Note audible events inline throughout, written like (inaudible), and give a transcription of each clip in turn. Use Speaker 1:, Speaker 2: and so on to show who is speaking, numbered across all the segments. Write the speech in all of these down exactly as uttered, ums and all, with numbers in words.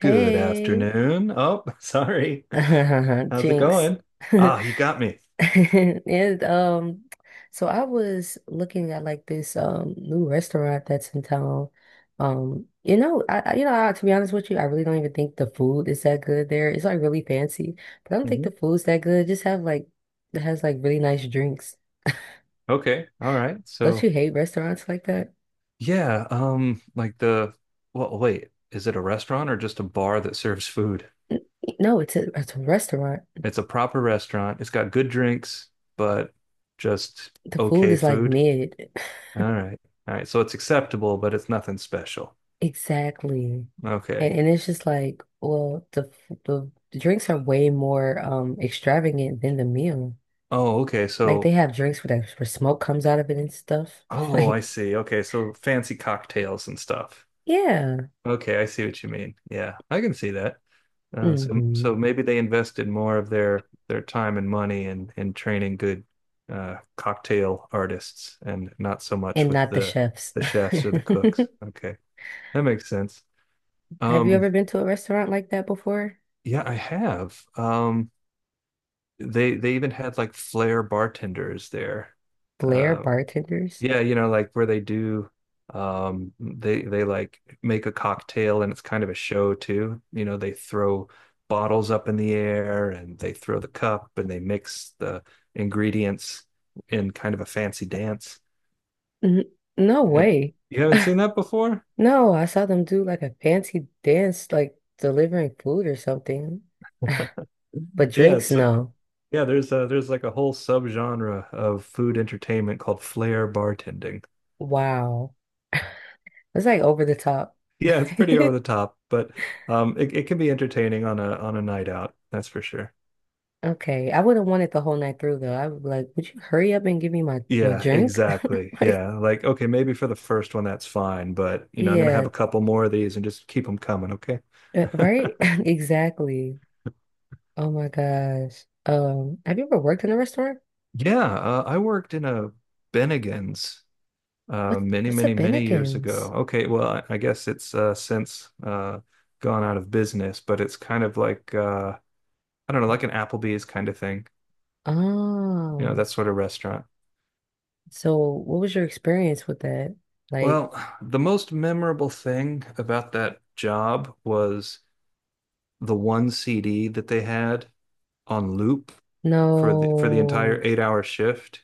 Speaker 1: Good
Speaker 2: Hey.
Speaker 1: afternoon. Oh, (laughs) sorry.
Speaker 2: (laughs)
Speaker 1: How's it
Speaker 2: Jinx.
Speaker 1: going?
Speaker 2: (laughs)
Speaker 1: Ah, you got me.
Speaker 2: And um so I was looking at like this um new restaurant that's in town. Um, you know, I I- you know, I, to be honest with you, I really don't even think the food is that good there. It's like really fancy, but I don't think the
Speaker 1: Mhm.
Speaker 2: food's that good. Just have like it has like really nice drinks.
Speaker 1: Okay. All right.
Speaker 2: Don't you
Speaker 1: So,
Speaker 2: hate restaurants like that?
Speaker 1: yeah, um, like the, well, wait, is it a restaurant or just a bar that serves food?
Speaker 2: N- No, it's a it's a restaurant.
Speaker 1: It's a proper restaurant. It's got good drinks, but just
Speaker 2: The food
Speaker 1: okay
Speaker 2: is like
Speaker 1: food.
Speaker 2: mid. (laughs)
Speaker 1: All right. All right. So it's acceptable, but it's nothing special.
Speaker 2: Exactly.
Speaker 1: Okay.
Speaker 2: And and it's just like, well, the f- the, the drinks are way more um extravagant than the meal.
Speaker 1: Oh, okay.
Speaker 2: Like they
Speaker 1: So,
Speaker 2: have drinks where that where smoke comes out of it and stuff. (laughs)
Speaker 1: oh, I
Speaker 2: Like,
Speaker 1: see. Okay. So fancy cocktails and stuff.
Speaker 2: yeah.
Speaker 1: Okay. I see what you mean. Yeah, I can see that. Uh, so,
Speaker 2: hmm
Speaker 1: so maybe they invested more of their their time and money in in training good uh, cocktail artists, and not so much
Speaker 2: And
Speaker 1: with
Speaker 2: not the
Speaker 1: the
Speaker 2: chefs.
Speaker 1: the chefs or the
Speaker 2: (laughs)
Speaker 1: cooks. Okay, that makes sense.
Speaker 2: Have you
Speaker 1: Um,
Speaker 2: ever been to a restaurant like that before?
Speaker 1: yeah, I have. Um, they they even had like flair bartenders there,
Speaker 2: Blair
Speaker 1: uh,
Speaker 2: bartenders?
Speaker 1: yeah, you know, like where they do um they they like make a cocktail, and it's kind of a show too. You know, they throw bottles up in the air, and they throw the cup, and they mix the ingredients in kind of a fancy dance.
Speaker 2: N no
Speaker 1: And
Speaker 2: way.
Speaker 1: you
Speaker 2: (laughs)
Speaker 1: haven't seen that before?
Speaker 2: No, I saw them do like a fancy dance, like delivering food or something. But
Speaker 1: Yeah,
Speaker 2: drinks,
Speaker 1: so
Speaker 2: no.
Speaker 1: yeah, there's uh there's like a whole subgenre of food entertainment called flair bartending.
Speaker 2: Wow. It's like over the top.
Speaker 1: Yeah, it's pretty over
Speaker 2: (laughs)
Speaker 1: the top, but um it, it can be entertaining on a on a night out, that's for sure.
Speaker 2: Okay, I wouldn't want it the whole night through though. I would be like, would you hurry up and give me my my
Speaker 1: Yeah,
Speaker 2: drink? (laughs)
Speaker 1: exactly.
Speaker 2: Like,
Speaker 1: Yeah. Like, okay, maybe for the first one, that's fine. But, you know, I'm going to have
Speaker 2: yeah,
Speaker 1: a couple more of these and just keep them coming. Okay.
Speaker 2: uh, right? (laughs)
Speaker 1: (laughs)
Speaker 2: Exactly. Oh my gosh. Um, have you ever worked in a restaurant?
Speaker 1: Yeah. Uh, I worked in a Bennigan's uh,
Speaker 2: What
Speaker 1: many,
Speaker 2: what's a
Speaker 1: many, many years
Speaker 2: Bennigan's?
Speaker 1: ago. Okay. Well, I, I guess it's uh, since uh, gone out of business, but it's kind of like, uh, I don't know, like an Applebee's kind of thing, you know,
Speaker 2: Oh,
Speaker 1: that sort of restaurant.
Speaker 2: so what was your experience with that? Like,
Speaker 1: Well, the most memorable thing about that job was the one C D that they had on loop for the for the entire
Speaker 2: no,
Speaker 1: eight hour shift.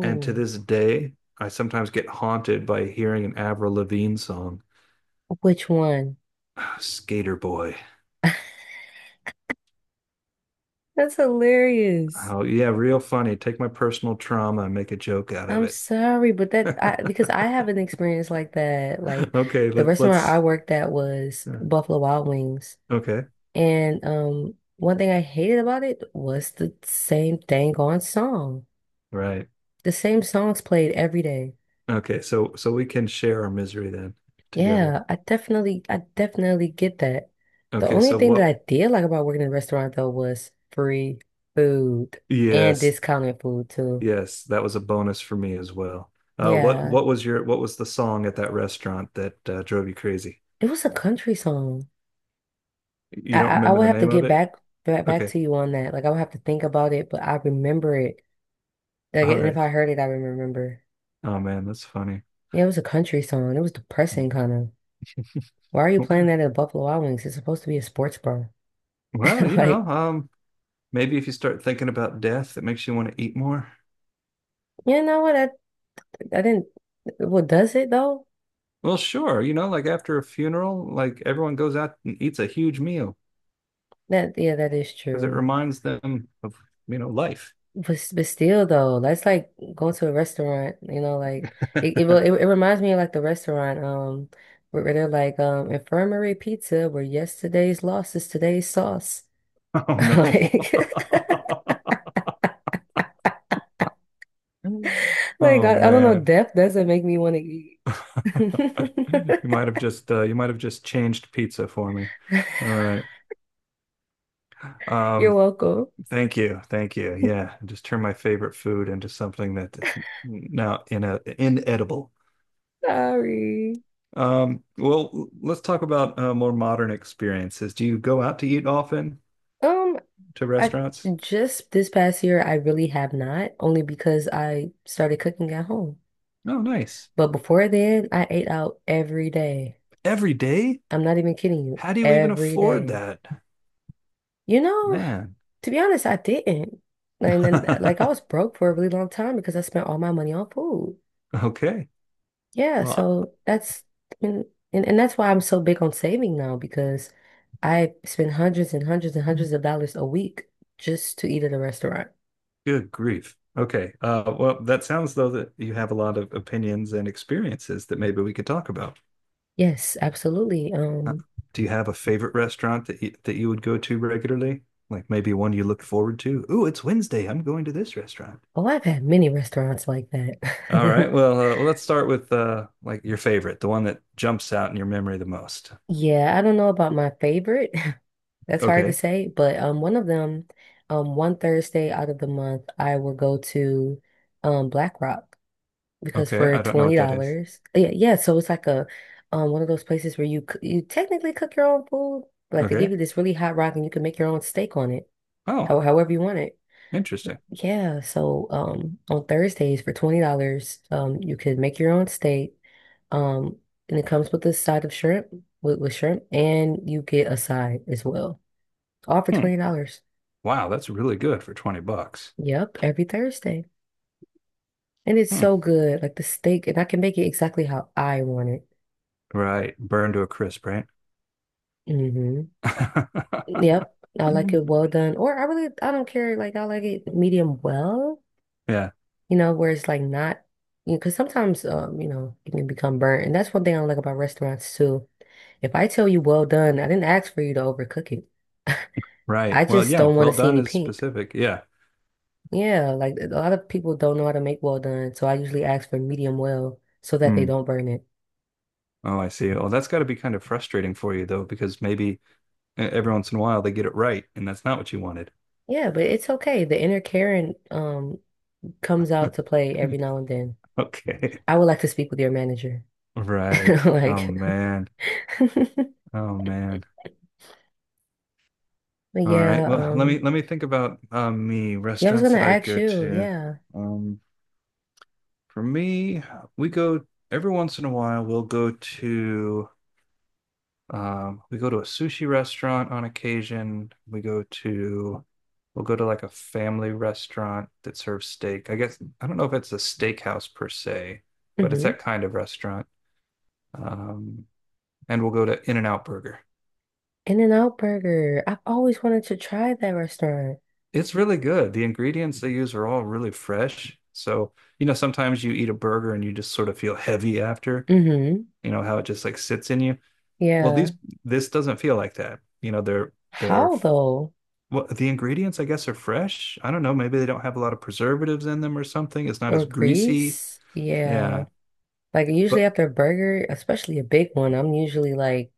Speaker 1: And to this day, I sometimes get haunted by hearing an Avril Lavigne song,
Speaker 2: Which one?
Speaker 1: Skater Boy.
Speaker 2: That's hilarious.
Speaker 1: Oh, yeah, real funny. Take my personal trauma and make a joke out of
Speaker 2: I'm
Speaker 1: it.
Speaker 2: sorry, but that I
Speaker 1: (laughs)
Speaker 2: because I have an experience like that. Like
Speaker 1: Okay,
Speaker 2: the
Speaker 1: let's
Speaker 2: restaurant I
Speaker 1: let's
Speaker 2: worked at was
Speaker 1: yeah,
Speaker 2: Buffalo Wild Wings.
Speaker 1: okay.
Speaker 2: And um one thing I hated about it was the same dang on song.
Speaker 1: Right.
Speaker 2: The same songs played every day.
Speaker 1: Okay, so so we can share our misery then together.
Speaker 2: Yeah, I definitely I definitely get that. The
Speaker 1: Okay,
Speaker 2: only
Speaker 1: so
Speaker 2: thing that
Speaker 1: what
Speaker 2: I did like about working in a restaurant though was free food and
Speaker 1: yes,
Speaker 2: discounted food too.
Speaker 1: yes, that was a bonus for me as well. Uh what
Speaker 2: Yeah.
Speaker 1: what was your what was the song at that restaurant that uh, drove you crazy?
Speaker 2: It was a country song.
Speaker 1: You
Speaker 2: I
Speaker 1: don't
Speaker 2: I I
Speaker 1: remember
Speaker 2: would
Speaker 1: the
Speaker 2: have to
Speaker 1: name of
Speaker 2: get
Speaker 1: it?
Speaker 2: back back back
Speaker 1: Okay.
Speaker 2: to you on that. Like I would have to think about it, but I remember it. Like
Speaker 1: All
Speaker 2: and if
Speaker 1: right.
Speaker 2: I heard it, I would remember.
Speaker 1: Oh man, that's funny.
Speaker 2: Yeah, it was a country song. It was depressing, kind of. Why are you
Speaker 1: (laughs)
Speaker 2: playing that at Buffalo Wild Wings? It's supposed to be a sports bar. (laughs)
Speaker 1: Well, you know,
Speaker 2: Like,
Speaker 1: um, maybe if you start thinking about death, it makes you want to eat more.
Speaker 2: you know what? I I didn't. Well, does it though?
Speaker 1: Well, sure. You know, like after a funeral, like everyone goes out and eats a huge meal
Speaker 2: That yeah, that is
Speaker 1: because it
Speaker 2: true.
Speaker 1: reminds them of, you know, life.
Speaker 2: But s- but still though, that's like going to a restaurant. You know, like it it will- it,
Speaker 1: (laughs)
Speaker 2: it reminds me of like the restaurant um where where they're like um infirmary pizza where yesterday's loss is today's sauce.
Speaker 1: Oh
Speaker 2: (laughs)
Speaker 1: no.
Speaker 2: Like,
Speaker 1: (laughs)
Speaker 2: like
Speaker 1: Oh
Speaker 2: I, I don't know,
Speaker 1: man.
Speaker 2: death doesn't make me want to eat.
Speaker 1: You
Speaker 2: (laughs)
Speaker 1: might have just uh, you might have just changed pizza for me. All right.
Speaker 2: You're
Speaker 1: Um,
Speaker 2: welcome.
Speaker 1: thank you. Thank you. Yeah, just turn my favorite food into something that is now in a inedible.
Speaker 2: Sorry.
Speaker 1: Um, well, let's talk about uh, more modern experiences. Do you go out to eat often
Speaker 2: Um,
Speaker 1: to
Speaker 2: I
Speaker 1: restaurants?
Speaker 2: just this past year I really have not, only because I started cooking at home.
Speaker 1: Oh, nice.
Speaker 2: But before then, I ate out every day.
Speaker 1: Every day?
Speaker 2: I'm not even kidding you,
Speaker 1: How do you even
Speaker 2: every
Speaker 1: afford
Speaker 2: day.
Speaker 1: that?
Speaker 2: You know,
Speaker 1: Man.
Speaker 2: to be honest, I didn't. And then, like, I was
Speaker 1: (laughs)
Speaker 2: broke for a really long time because I spent all my money on food.
Speaker 1: Okay.
Speaker 2: Yeah,
Speaker 1: Well,
Speaker 2: so that's and, and and that's why I'm so big on saving now because I spend hundreds and hundreds and hundreds of dollars a week just to eat at a restaurant.
Speaker 1: good grief. Okay. Uh, well, that sounds though that you have a lot of opinions and experiences that maybe we could talk about.
Speaker 2: Yes, absolutely.
Speaker 1: Uh,
Speaker 2: Um,
Speaker 1: do you have a favorite restaurant that you, that you would go to regularly? Like maybe one you look forward to? Ooh, it's Wednesday. I'm going to this restaurant.
Speaker 2: oh, I've had many restaurants like that.
Speaker 1: All right.
Speaker 2: (laughs)
Speaker 1: Well, uh, well, let's start with uh, like your favorite, the one that jumps out in your memory the most.
Speaker 2: Yeah, I don't know about my favorite. (laughs) That's hard to
Speaker 1: Okay.
Speaker 2: say, but um, one of them, um, one Thursday out of the month, I will go to um Black Rock. Because
Speaker 1: Okay.
Speaker 2: for
Speaker 1: I don't know what that is.
Speaker 2: twenty dollars yeah, yeah, so it's like a um one of those places where you c- you technically cook your own food. Like they give
Speaker 1: Okay.
Speaker 2: you this really hot rock and you can make your own steak on it,
Speaker 1: Oh,
Speaker 2: how, however you want it.
Speaker 1: interesting.
Speaker 2: Yeah, so um on Thursdays for twenty dollars um you could make your own steak. Um and it comes with a side of shrimp with, with shrimp and you get a side as well. All for
Speaker 1: Hmm.
Speaker 2: twenty dollars.
Speaker 1: Wow, that's really good for twenty bucks.
Speaker 2: Yep, every Thursday. And it's
Speaker 1: Hmm.
Speaker 2: so good. Like the steak, and I can make it exactly how I want it.
Speaker 1: Right. Burned to a crisp, right?
Speaker 2: Hmm
Speaker 1: (laughs)
Speaker 2: Yep, I like it
Speaker 1: Mm.
Speaker 2: well done. Or I really, I don't care. Like I like it medium well,
Speaker 1: Yeah.
Speaker 2: you know, where it's like not, you know, because sometimes, um, you know, it can become burnt, and that's one thing I like about restaurants too. If I tell you well done, I didn't ask for you to overcook it.
Speaker 1: Right.
Speaker 2: I
Speaker 1: Well,
Speaker 2: just
Speaker 1: yeah.
Speaker 2: don't want to
Speaker 1: Well
Speaker 2: see
Speaker 1: done
Speaker 2: any
Speaker 1: is
Speaker 2: pink.
Speaker 1: specific. Yeah.
Speaker 2: Yeah, like a lot of people don't know how to make well done, so I usually ask for medium well so that they
Speaker 1: Hmm.
Speaker 2: don't burn it.
Speaker 1: Oh, I see. Oh, that's got to be kind of frustrating for you though, because maybe e- every once in a while they get it right, and that's not what you wanted. (laughs)
Speaker 2: Yeah, but it's okay. The inner Karen um comes out to play every now and then.
Speaker 1: Okay.
Speaker 2: I would like to speak with your manager. (laughs)
Speaker 1: Right. Oh
Speaker 2: Like
Speaker 1: man.
Speaker 2: (laughs)
Speaker 1: Oh man.
Speaker 2: But
Speaker 1: All right.
Speaker 2: yeah,
Speaker 1: Well, let
Speaker 2: um,
Speaker 1: me let me think about uh, me
Speaker 2: yeah, I was
Speaker 1: restaurants
Speaker 2: gonna
Speaker 1: that I
Speaker 2: ask
Speaker 1: go
Speaker 2: you,
Speaker 1: to.
Speaker 2: yeah.
Speaker 1: Um, for me, we go every once in a while. We'll go to um, we go to a sushi restaurant on occasion. We go to, we'll go to like a family restaurant that serves steak. I guess, I don't know if it's a steakhouse per se, but it's
Speaker 2: Mm-hmm.
Speaker 1: that kind of restaurant. Um, and we'll go to In-N-Out Burger.
Speaker 2: In-N-Out Burger. I've always wanted to try that restaurant.
Speaker 1: It's really good. The ingredients they use are all really fresh. So, you know, sometimes you eat a burger and you just sort of feel heavy after,
Speaker 2: Mm-hmm.
Speaker 1: you know, how it just like sits in you. Well,
Speaker 2: Yeah.
Speaker 1: these, this doesn't feel like that. You know, they're, they're
Speaker 2: How though?
Speaker 1: well, the ingredients, I guess, are fresh. I don't know. Maybe they don't have a lot of preservatives in them or something. It's not as
Speaker 2: Or
Speaker 1: greasy.
Speaker 2: Greece? Yeah.
Speaker 1: Yeah,
Speaker 2: Like usually
Speaker 1: but
Speaker 2: after a burger, especially a big one, I'm usually like,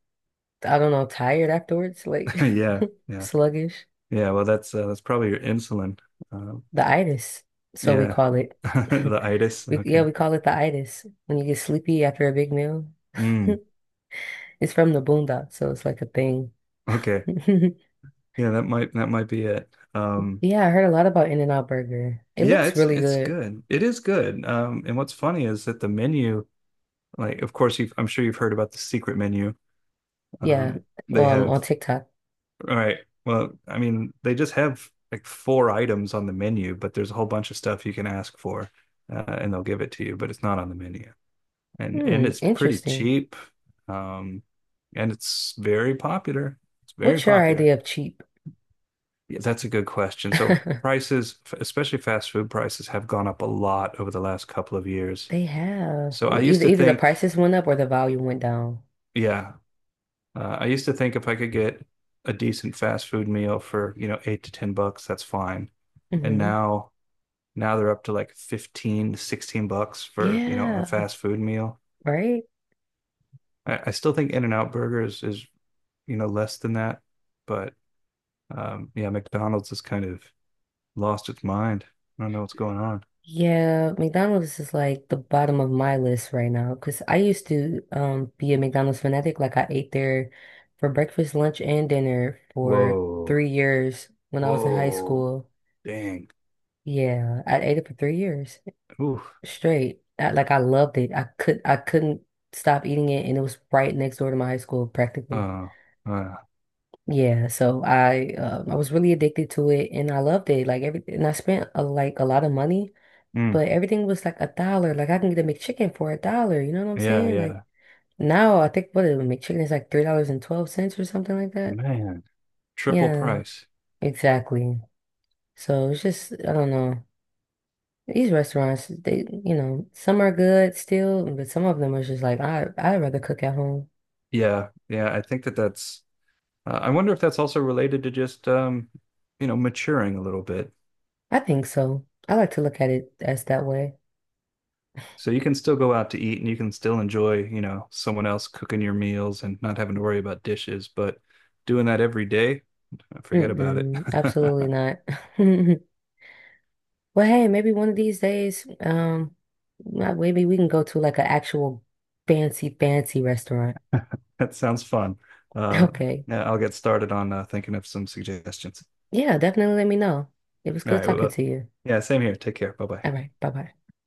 Speaker 2: I don't know, tired afterwards, like
Speaker 1: (laughs) yeah,
Speaker 2: (laughs)
Speaker 1: yeah,
Speaker 2: sluggish.
Speaker 1: yeah. Well, that's uh, that's probably your insulin. Um,
Speaker 2: The itis, so we
Speaker 1: yeah,
Speaker 2: call it.
Speaker 1: (laughs)
Speaker 2: (laughs)
Speaker 1: the itis.
Speaker 2: We yeah,
Speaker 1: Okay.
Speaker 2: we call it the itis when you get sleepy after a big meal.
Speaker 1: Mm,
Speaker 2: (laughs) It's from the boondocks, so it's like a thing.
Speaker 1: okay.
Speaker 2: (laughs)
Speaker 1: Yeah, that might that might be it. Um,
Speaker 2: Yeah, I heard a lot about In-N-Out Burger. It
Speaker 1: yeah,
Speaker 2: looks
Speaker 1: it's
Speaker 2: really
Speaker 1: it's
Speaker 2: good.
Speaker 1: good. It is good. Um, and what's funny is that the menu, like, of course, you've, I'm sure you've heard about the secret menu.
Speaker 2: Yeah,
Speaker 1: Um, they
Speaker 2: um, on
Speaker 1: have
Speaker 2: TikTok.
Speaker 1: all right. Well, I mean, they just have like four items on the menu, but there's a whole bunch of stuff you can ask for, uh, and they'll give it to you, but it's not on the menu. And and
Speaker 2: Hmm,
Speaker 1: it's pretty
Speaker 2: interesting.
Speaker 1: cheap, um, and it's very popular. It's very
Speaker 2: What's your
Speaker 1: popular.
Speaker 2: idea of cheap?
Speaker 1: Yeah, that's a good question. So
Speaker 2: (laughs)
Speaker 1: prices, f- especially fast food prices, have gone up a lot over the last couple of years.
Speaker 2: They have.
Speaker 1: So
Speaker 2: Well,
Speaker 1: I used
Speaker 2: either
Speaker 1: to
Speaker 2: either the
Speaker 1: think,
Speaker 2: prices went up or the volume went down.
Speaker 1: yeah, uh, I used to think if I could get a decent fast food meal for, you know, eight to ten bucks, that's fine. And
Speaker 2: Hmm
Speaker 1: now Now they're up to like fifteen, sixteen bucks for, you know, a
Speaker 2: Yeah,
Speaker 1: fast food meal.
Speaker 2: right?
Speaker 1: I, I still think In-N-Out Burgers is, you know, less than that. But um, yeah, McDonald's has kind of lost its mind. I don't know what's going on.
Speaker 2: Yeah, McDonald's is like the bottom of my list right now because I used to um be a McDonald's fanatic. Like I ate there for breakfast, lunch, and dinner for
Speaker 1: Whoa.
Speaker 2: three years when I was in high
Speaker 1: Whoa.
Speaker 2: school.
Speaker 1: Dang.
Speaker 2: Yeah, I ate it for three years.
Speaker 1: Ooh.
Speaker 2: Straight. I, like I loved it. I could I couldn't stop eating it, and it was right next door to my high school practically.
Speaker 1: Uh, uh,
Speaker 2: Yeah, so I um, I was really addicted to it, and I loved it. Like everything, and I spent a, like a lot of money,
Speaker 1: mm.
Speaker 2: but everything was like a dollar. Like I can get a McChicken for a dollar. You know what I'm
Speaker 1: Yeah,
Speaker 2: saying? Like
Speaker 1: yeah.
Speaker 2: now, I think what a McChicken is like three dollars and twelve cents or something like that.
Speaker 1: Man. Triple
Speaker 2: Yeah,
Speaker 1: price.
Speaker 2: exactly. So it's just I don't know. These restaurants, they, you know, some are good still, but some of them are just like, I, I'd rather cook at home.
Speaker 1: Yeah, yeah. I think that that's. Uh, I wonder if that's also related to just um, you know, maturing a little bit.
Speaker 2: I think so. I like to look at it as that way.
Speaker 1: So you can still go out to eat, and you can still enjoy, you know, someone else cooking your meals and not having to worry about dishes. But doing that every day, forget about it.
Speaker 2: Mm-mm, absolutely
Speaker 1: (laughs)
Speaker 2: not. (laughs) Well, hey, maybe one of these days, um, uh, maybe we can go to like an actual fancy, fancy restaurant.
Speaker 1: That sounds fun.
Speaker 2: (laughs)
Speaker 1: Uh,
Speaker 2: Okay.
Speaker 1: yeah, I'll get started on uh, thinking of some suggestions.
Speaker 2: Yeah, definitely let me know. It was
Speaker 1: All
Speaker 2: good
Speaker 1: right.
Speaker 2: talking
Speaker 1: Well,
Speaker 2: to you.
Speaker 1: yeah, same here. Take care. Bye bye.
Speaker 2: All right, bye-bye.